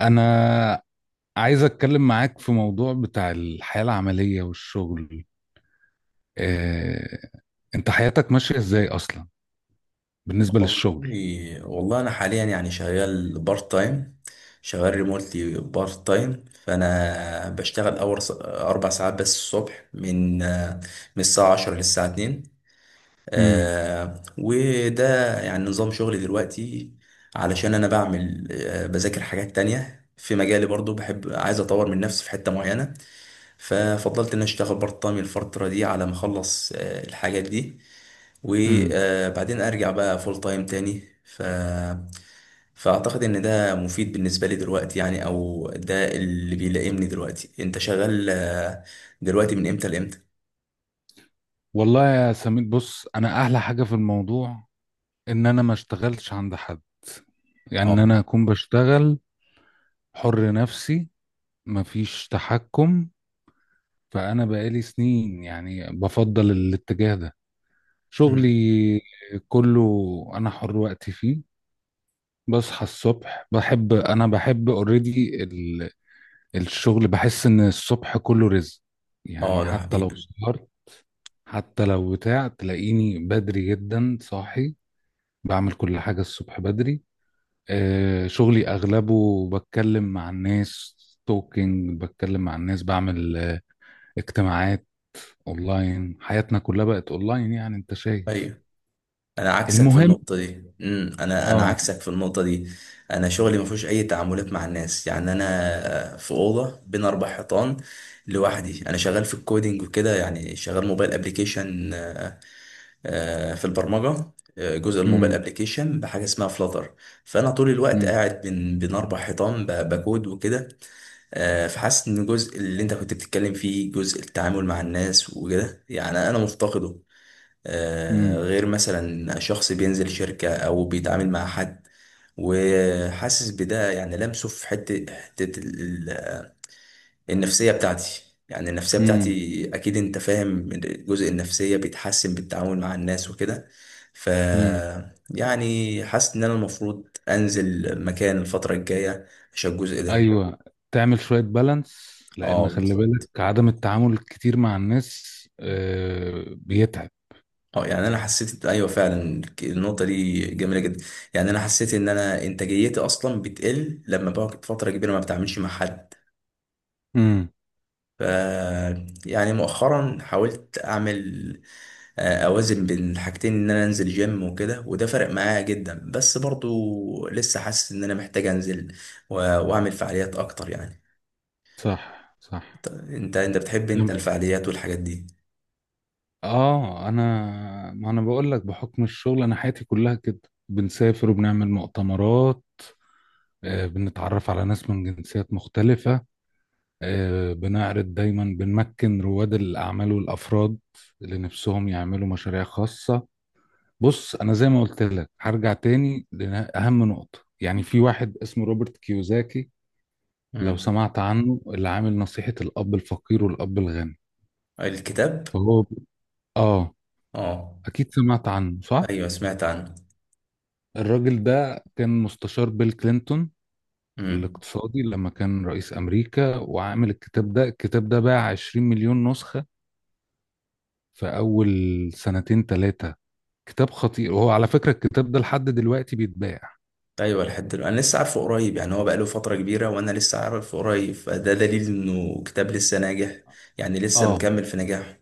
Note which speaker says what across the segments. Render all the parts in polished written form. Speaker 1: أنا عايز أتكلم معاك في موضوع بتاع الحياة العملية والشغل. إيه، أنت حياتك ماشية إزاي أصلا بالنسبة للشغل؟
Speaker 2: والله انا حاليا يعني شغال بارت تايم شغال ريموتلي بارت تايم فانا بشتغل اول اربع ساعات بس الصبح من الساعه 10 للساعه 2
Speaker 1: مم.
Speaker 2: وده يعني نظام شغلي دلوقتي علشان انا بعمل بذاكر حاجات تانية في مجالي برضو بحب عايز اطور من نفسي في حتة معينة ففضلت ان اشتغل بارت تايم الفترة دي على ما اخلص الحاجات دي
Speaker 1: مم.
Speaker 2: وبعدين ارجع بقى فول تايم تاني فاعتقد ان ده مفيد بالنسبة لي دلوقتي يعني او ده اللي بيلائمني دلوقتي. انت شغال دلوقتي من امتى لامتى؟
Speaker 1: والله يا سمير، بص، أنا أحلى حاجة في الموضوع إن أنا ما اشتغلتش عند حد، يعني إن
Speaker 2: اه.
Speaker 1: أنا أكون بشتغل حر نفسي، مفيش تحكم. فأنا بقالي سنين يعني بفضل الاتجاه ده، شغلي
Speaker 2: مم.
Speaker 1: كله أنا حر وقتي فيه. بصحى الصبح، بحب اوريدي الشغل، بحس ان الصبح كله رزق، يعني
Speaker 2: اه ده
Speaker 1: حتى لو
Speaker 2: حقيقة.
Speaker 1: سهرت، حتى لو بتاع، تلاقيني بدري جدا صاحي، بعمل كل حاجة الصبح بدري. شغلي اغلبه بتكلم مع الناس، توكينج، بتكلم مع الناس، بعمل اجتماعات اونلاين. حياتنا كلها بقت اونلاين، يعني انت شايف.
Speaker 2: ايوه انا عكسك في
Speaker 1: المهم،
Speaker 2: النقطه دي. انا
Speaker 1: اه
Speaker 2: عكسك في النقطه دي. انا شغلي ما فيهوش اي تعاملات مع الناس، يعني انا في اوضه بين اربع حيطان لوحدي. انا شغال في الكودينج وكده، يعني شغال موبايل ابلكيشن في البرمجه. جزء الموبايل
Speaker 1: امم
Speaker 2: ابلكيشن بحاجه اسمها فلاتر. فانا طول الوقت
Speaker 1: امم
Speaker 2: قاعد بين اربع حيطان بكود وكده. فحاسس ان الجزء اللي انت كنت بتتكلم فيه، جزء التعامل مع الناس وكده، يعني انا مفتقده.
Speaker 1: امم
Speaker 2: غير مثلا شخص بينزل شركة أو بيتعامل مع حد، وحاسس بده يعني لمسه في حتة النفسية بتاعتي. يعني النفسية بتاعتي أكيد أنت فاهم، الجزء النفسية بيتحسن بالتعامل مع الناس وكده. ف
Speaker 1: امم
Speaker 2: يعني حاسس إن أنا المفروض أنزل مكان الفترة الجاية عشان الجزء ده.
Speaker 1: ايوه، تعمل شويه بالانس، لان
Speaker 2: اه
Speaker 1: خلي بالك،
Speaker 2: بالظبط.
Speaker 1: عدم التعامل الكتير مع الناس بيتعب.
Speaker 2: اه يعني انا حسيت، ايوه فعلا النقطه دي جميله جدا. يعني انا حسيت ان انا انتاجيتي اصلا بتقل لما بقعد فتره كبيره ما بتعاملش مع حد.
Speaker 1: امم.
Speaker 2: ف يعني مؤخرا حاولت اعمل اوازن بين الحاجتين، ان انا انزل جيم وكده، وده فرق معايا جدا، بس برضو لسه حاسس ان انا محتاج انزل واعمل فعاليات اكتر يعني.
Speaker 1: صح، صح.
Speaker 2: انت انت أنت بتحب انت
Speaker 1: كم،
Speaker 2: الفعاليات والحاجات دي؟
Speaker 1: اه انا ما انا بقول لك بحكم الشغل، انا حياتي كلها كده، بنسافر وبنعمل مؤتمرات. بنتعرف على ناس من جنسيات مختلفه. بنعرض دايما، بنمكن رواد الاعمال والافراد اللي نفسهم يعملوا مشاريع خاصه. بص، انا زي ما قلت لك هرجع تاني لاهم نقطه، يعني في واحد اسمه روبرت كيوزاكي، لو
Speaker 2: مم.
Speaker 1: سمعت عنه، اللي عامل نصيحه الاب الفقير والاب الغني.
Speaker 2: الكتاب.
Speaker 1: فهو، اه
Speaker 2: اه.
Speaker 1: اكيد سمعت عنه، صح؟
Speaker 2: ايوه سمعت عنه.
Speaker 1: الراجل ده كان مستشار بيل كلينتون
Speaker 2: مم.
Speaker 1: الاقتصادي لما كان رئيس امريكا، وعامل الكتاب ده. الكتاب ده باع 20 مليون نسخه في اول سنتين ثلاثه. كتاب خطير، وهو على فكره الكتاب ده لحد دلوقتي بيتباع.
Speaker 2: ايوه لحد دلوقتي. انا لسه عارفه قريب، يعني هو بقاله فتره كبيره وانا لسه عارفه قريب، فده دليل انه كتاب لسه ناجح، يعني لسه
Speaker 1: اه،
Speaker 2: مكمل في نجاحه.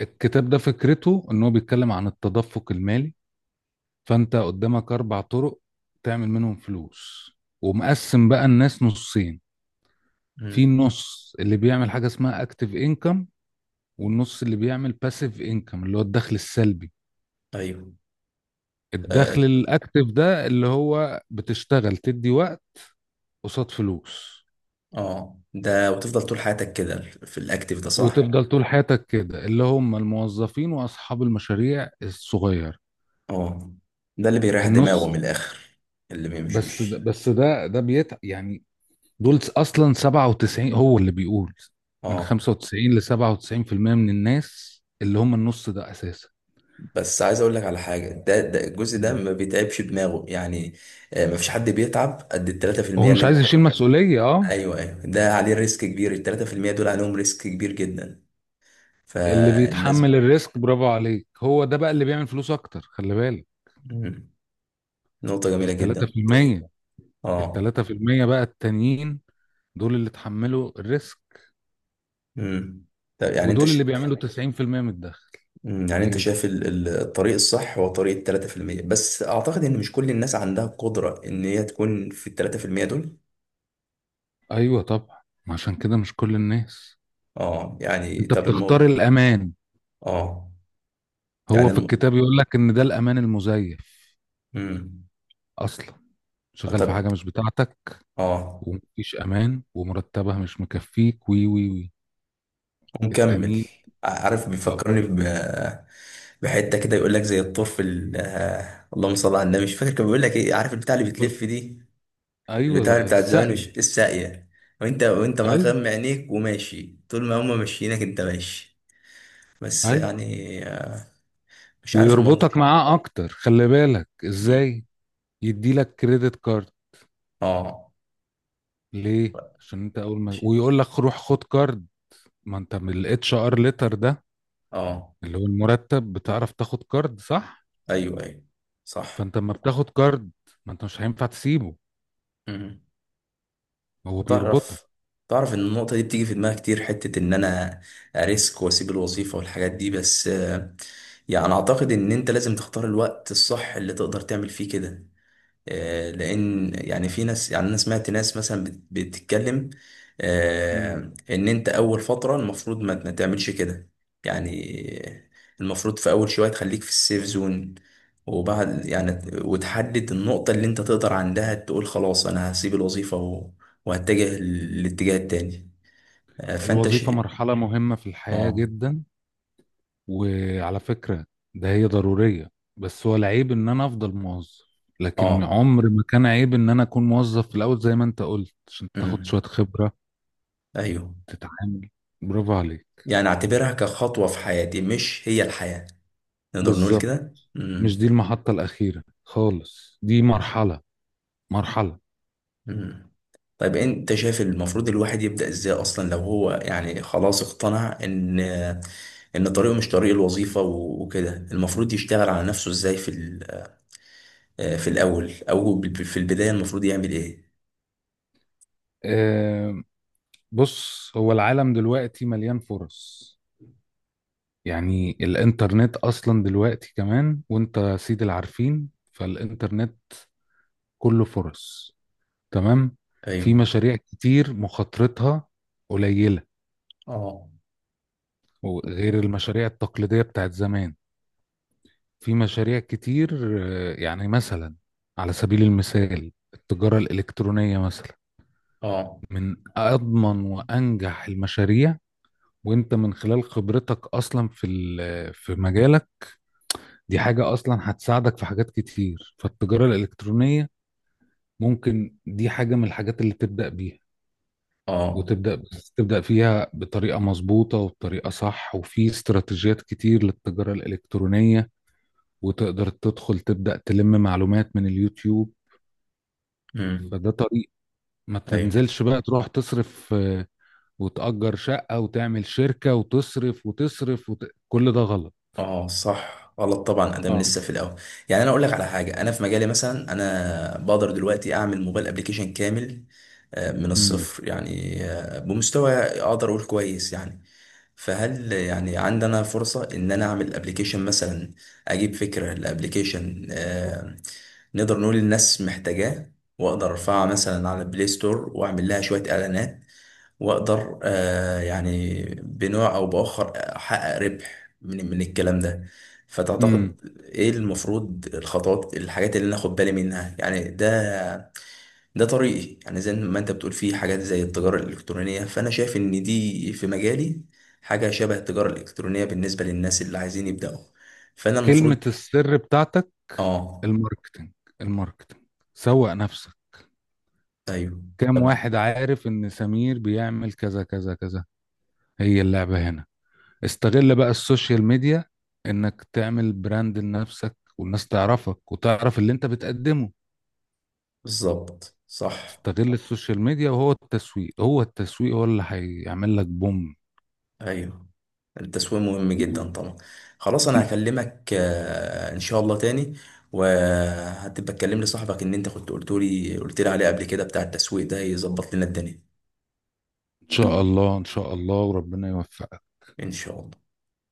Speaker 1: الكتاب ده فكرته ان هو بيتكلم عن التدفق المالي. فانت قدامك اربع طرق تعمل منهم فلوس. ومقسم بقى الناس نصين. في
Speaker 2: امم.
Speaker 1: نص اللي بيعمل حاجة اسمها اكتيف انكم، والنص اللي بيعمل باسيف انكم اللي هو الدخل السلبي.
Speaker 2: ايوه. اه.
Speaker 1: الدخل الاكتيف ده اللي هو بتشتغل تدي وقت قصاد فلوس،
Speaker 2: آه. ده وتفضل طول حياتك كده في الاكتيف ده، صح؟
Speaker 1: وتفضل طول حياتك كده، اللي هم الموظفين واصحاب المشاريع الصغيرة.
Speaker 2: اه ده اللي بيريح دماغه من
Speaker 1: النص،
Speaker 2: الاخر. اللي بيمشي
Speaker 1: بس ده
Speaker 2: مشي.
Speaker 1: بس ده ده بيتعب يعني. دول اصلا 97، هو اللي بيقول، من
Speaker 2: اه.
Speaker 1: 95 ل 97% من الناس اللي هم النص ده اساسا.
Speaker 2: بس عايز اقول لك على حاجه، ده الجزء ده
Speaker 1: مم.
Speaker 2: ما بيتعبش دماغه يعني. آه ما فيش حد بيتعب قد ال
Speaker 1: هو
Speaker 2: 3% اللي
Speaker 1: مش
Speaker 2: انت.
Speaker 1: عايز يشيل مسؤولية،
Speaker 2: ايوه ايوه، ده عليه ريسك كبير، ال 3% دول عليهم ريسك كبير جدا.
Speaker 1: اللي
Speaker 2: فالناس.
Speaker 1: بيتحمل الريسك برافو عليك، هو ده بقى اللي بيعمل فلوس اكتر، خلي بالك.
Speaker 2: مم. نقطة
Speaker 1: ال
Speaker 2: جميلة جدا النقطة دي.
Speaker 1: 3%، ال
Speaker 2: اه.
Speaker 1: 3% بقى التانيين، دول اللي اتحملوا الريسك،
Speaker 2: مم. طب يعني
Speaker 1: ودول اللي بيعملوا 90% من الدخل.
Speaker 2: مم. يعني انت
Speaker 1: ايه ده؟
Speaker 2: شايف الطريق الصح هو طريق التلاتة في المية، بس اعتقد ان مش كل الناس عندها القدرة ان هي تكون في التلاتة في المية دول.
Speaker 1: ايوه طبعا. ما عشان كده مش كل الناس،
Speaker 2: اه يعني
Speaker 1: انت
Speaker 2: طب
Speaker 1: بتختار
Speaker 2: الموضوع.
Speaker 1: الامان.
Speaker 2: اه يعني
Speaker 1: هو في الكتاب يقول لك ان ده الامان المزيف،
Speaker 2: مم.
Speaker 1: اصلا
Speaker 2: آه.
Speaker 1: شغال في
Speaker 2: طب.
Speaker 1: حاجة مش بتاعتك،
Speaker 2: اه.
Speaker 1: ومفيش أمان، ومرتبها مش مكفيك، وي وي وي
Speaker 2: ومكمل.
Speaker 1: التانيين.
Speaker 2: عارف
Speaker 1: أو-
Speaker 2: بيفكرني بحتة كده، يقول لك زي الطرف آه، اللهم صل على النبي، مش فاكر كان بيقول لك ايه، عارف البتاع اللي بتلف دي؟ البتاع اللي
Speaker 1: أيوه
Speaker 2: بتاعت زمان،
Speaker 1: السقي.
Speaker 2: مش الساقية؟ وانت
Speaker 1: أيوه،
Speaker 2: مغمى عينيك وماشي، طول ما هما ماشيينك انت ماشي. بس
Speaker 1: أيوه.
Speaker 2: يعني آه، مش عارف الموضوع.
Speaker 1: ويربطك معاه أكتر، خلي بالك
Speaker 2: مم.
Speaker 1: إزاي. يديلك كريدت كارد،
Speaker 2: اه.
Speaker 1: ليه؟ عشان أنت أول ما،
Speaker 2: ماشي.
Speaker 1: ويقول لك روح خد كارد، ما أنت من الاتش ار ليتر ده
Speaker 2: اه.
Speaker 1: اللي هو المرتب، بتعرف تاخد كارد، صح؟
Speaker 2: ايوه ايوه صح.
Speaker 1: فأنت لما بتاخد كارد، ما أنت مش هينفع تسيبه،
Speaker 2: مم.
Speaker 1: هو بيربطك.
Speaker 2: تعرف، تعرف ان النقطة دي بتيجي في دماغي كتير، حتة ان انا اريسك واسيب الوظيفة والحاجات دي، بس يعني اعتقد ان انت لازم تختار الوقت الصح اللي تقدر تعمل فيه كده. لان يعني في ناس، يعني انا سمعت ناس مثلا بتتكلم
Speaker 1: مم.
Speaker 2: آه، ان انت اول فتره المفروض ما تعملش كده. يعني المفروض في اول شويه تخليك في السيف زون، وبعد يعني وتحدد النقطه اللي انت تقدر عندها تقول خلاص انا هسيب الوظيفه وهتجه للاتجاه التاني. فانت
Speaker 1: الوظيفة
Speaker 2: شيء.
Speaker 1: مرحلة مهمة في الحياة
Speaker 2: اه.
Speaker 1: جدا، وعلى فكرة ده هي ضرورية. بس هو العيب ان انا افضل موظف، لكن
Speaker 2: اه.
Speaker 1: عمر ما كان عيب ان انا اكون موظف في الاول زي ما انت قلت، عشان تاخد شوية
Speaker 2: امم.
Speaker 1: خبرة،
Speaker 2: ايوه.
Speaker 1: تتعامل، برافو عليك.
Speaker 2: يعني اعتبرها كخطوه في حياتي، مش هي الحياه، نقدر نقول
Speaker 1: بالظبط،
Speaker 2: كده.
Speaker 1: مش دي
Speaker 2: امم.
Speaker 1: المحطة الأخيرة خالص، دي مرحلة، مرحلة.
Speaker 2: مم. طيب انت شايف المفروض الواحد يبدأ ازاي اصلا، لو هو يعني خلاص اقتنع ان ان طريقه مش طريق الوظيفة وكده، المفروض يشتغل على نفسه ازاي في آه، في الاول او في البداية المفروض يعمل ايه؟
Speaker 1: أه، بص، هو العالم دلوقتي مليان فرص. يعني الانترنت اصلا دلوقتي كمان، وانت سيد العارفين، فالانترنت كله فرص، تمام. في
Speaker 2: ايوه.
Speaker 1: مشاريع كتير مخاطرتها قليلة،
Speaker 2: اه.
Speaker 1: وغير المشاريع التقليدية بتاعت زمان. في مشاريع كتير، يعني مثلا على سبيل المثال التجارة الإلكترونية مثلا،
Speaker 2: اه.
Speaker 1: من أضمن وأنجح المشاريع. وانت من خلال خبرتك اصلا في مجالك، دي حاجة اصلا هتساعدك في حاجات كتير. فالتجارة الإلكترونية ممكن دي حاجة من الحاجات اللي تبدأ بيها،
Speaker 2: اه.
Speaker 1: وتبدأ، بس تبدأ فيها بطريقة مظبوطة وبطريقة صح. وفي استراتيجيات كتير للتجارة الإلكترونية، وتقدر تدخل تبدأ تلم معلومات من اليوتيوب.
Speaker 2: امم.
Speaker 1: فده طريق. ما
Speaker 2: ايوه.
Speaker 1: تنزلش بقى تروح تصرف وتأجر شقة وتعمل شركة وتصرف وتصرف كل ده غلط.
Speaker 2: اه صح، غلط طبعا ادام
Speaker 1: اه،
Speaker 2: لسه في الاول. يعني انا اقول لك على حاجة، انا في مجالي مثلا انا بقدر دلوقتي اعمل موبايل ابليكيشن كامل من
Speaker 1: امم
Speaker 2: الصفر، يعني بمستوى اقدر اقول كويس يعني. فهل يعني عندنا فرصة إن أنا أعمل أبليكيشن مثلا، أجيب فكرة لأبليكيشن نقدر نقول الناس محتاجاه، وأقدر أرفعها مثلا على البلاي ستور وأعمل لها شوية إعلانات، وأقدر يعني بنوع أو بآخر أحقق ربح من الكلام ده؟
Speaker 1: امم
Speaker 2: فتعتقد إيه المفروض الخطوات، الحاجات اللي أنا آخد بالي منها؟ يعني ده ده طريقي، يعني زي ما انت بتقول فيه حاجات زي التجارة الإلكترونية، فأنا شايف إن دي في مجالي حاجة شبه التجارة الإلكترونية بالنسبة للناس اللي عايزين يبدأوا. فأنا المفروض.
Speaker 1: كلمة السر بتاعتك،
Speaker 2: آه.
Speaker 1: الماركتنج، الماركتنج، سوق نفسك.
Speaker 2: أيوه.
Speaker 1: كام
Speaker 2: طب.
Speaker 1: واحد عارف ان سمير بيعمل كذا كذا كذا؟ هي اللعبة هنا، استغل بقى السوشيال ميديا، انك تعمل براند لنفسك والناس تعرفك وتعرف اللي انت بتقدمه.
Speaker 2: بالظبط صح.
Speaker 1: استغل السوشيال ميديا، وهو التسويق، هو التسويق هو اللي هيعمل لك بوم.
Speaker 2: أيوه. التسويق مهم جدا طبعا. خلاص أنا هكلمك إن شاء الله تاني. وهتبقى تكلم لي صاحبك، إن أنت كنت قلت لي عليه قبل كده، بتاع التسويق ده يظبط لنا الدنيا.
Speaker 1: ان شاء الله، ان شاء الله، وربنا يوفقك.
Speaker 2: إن شاء الله.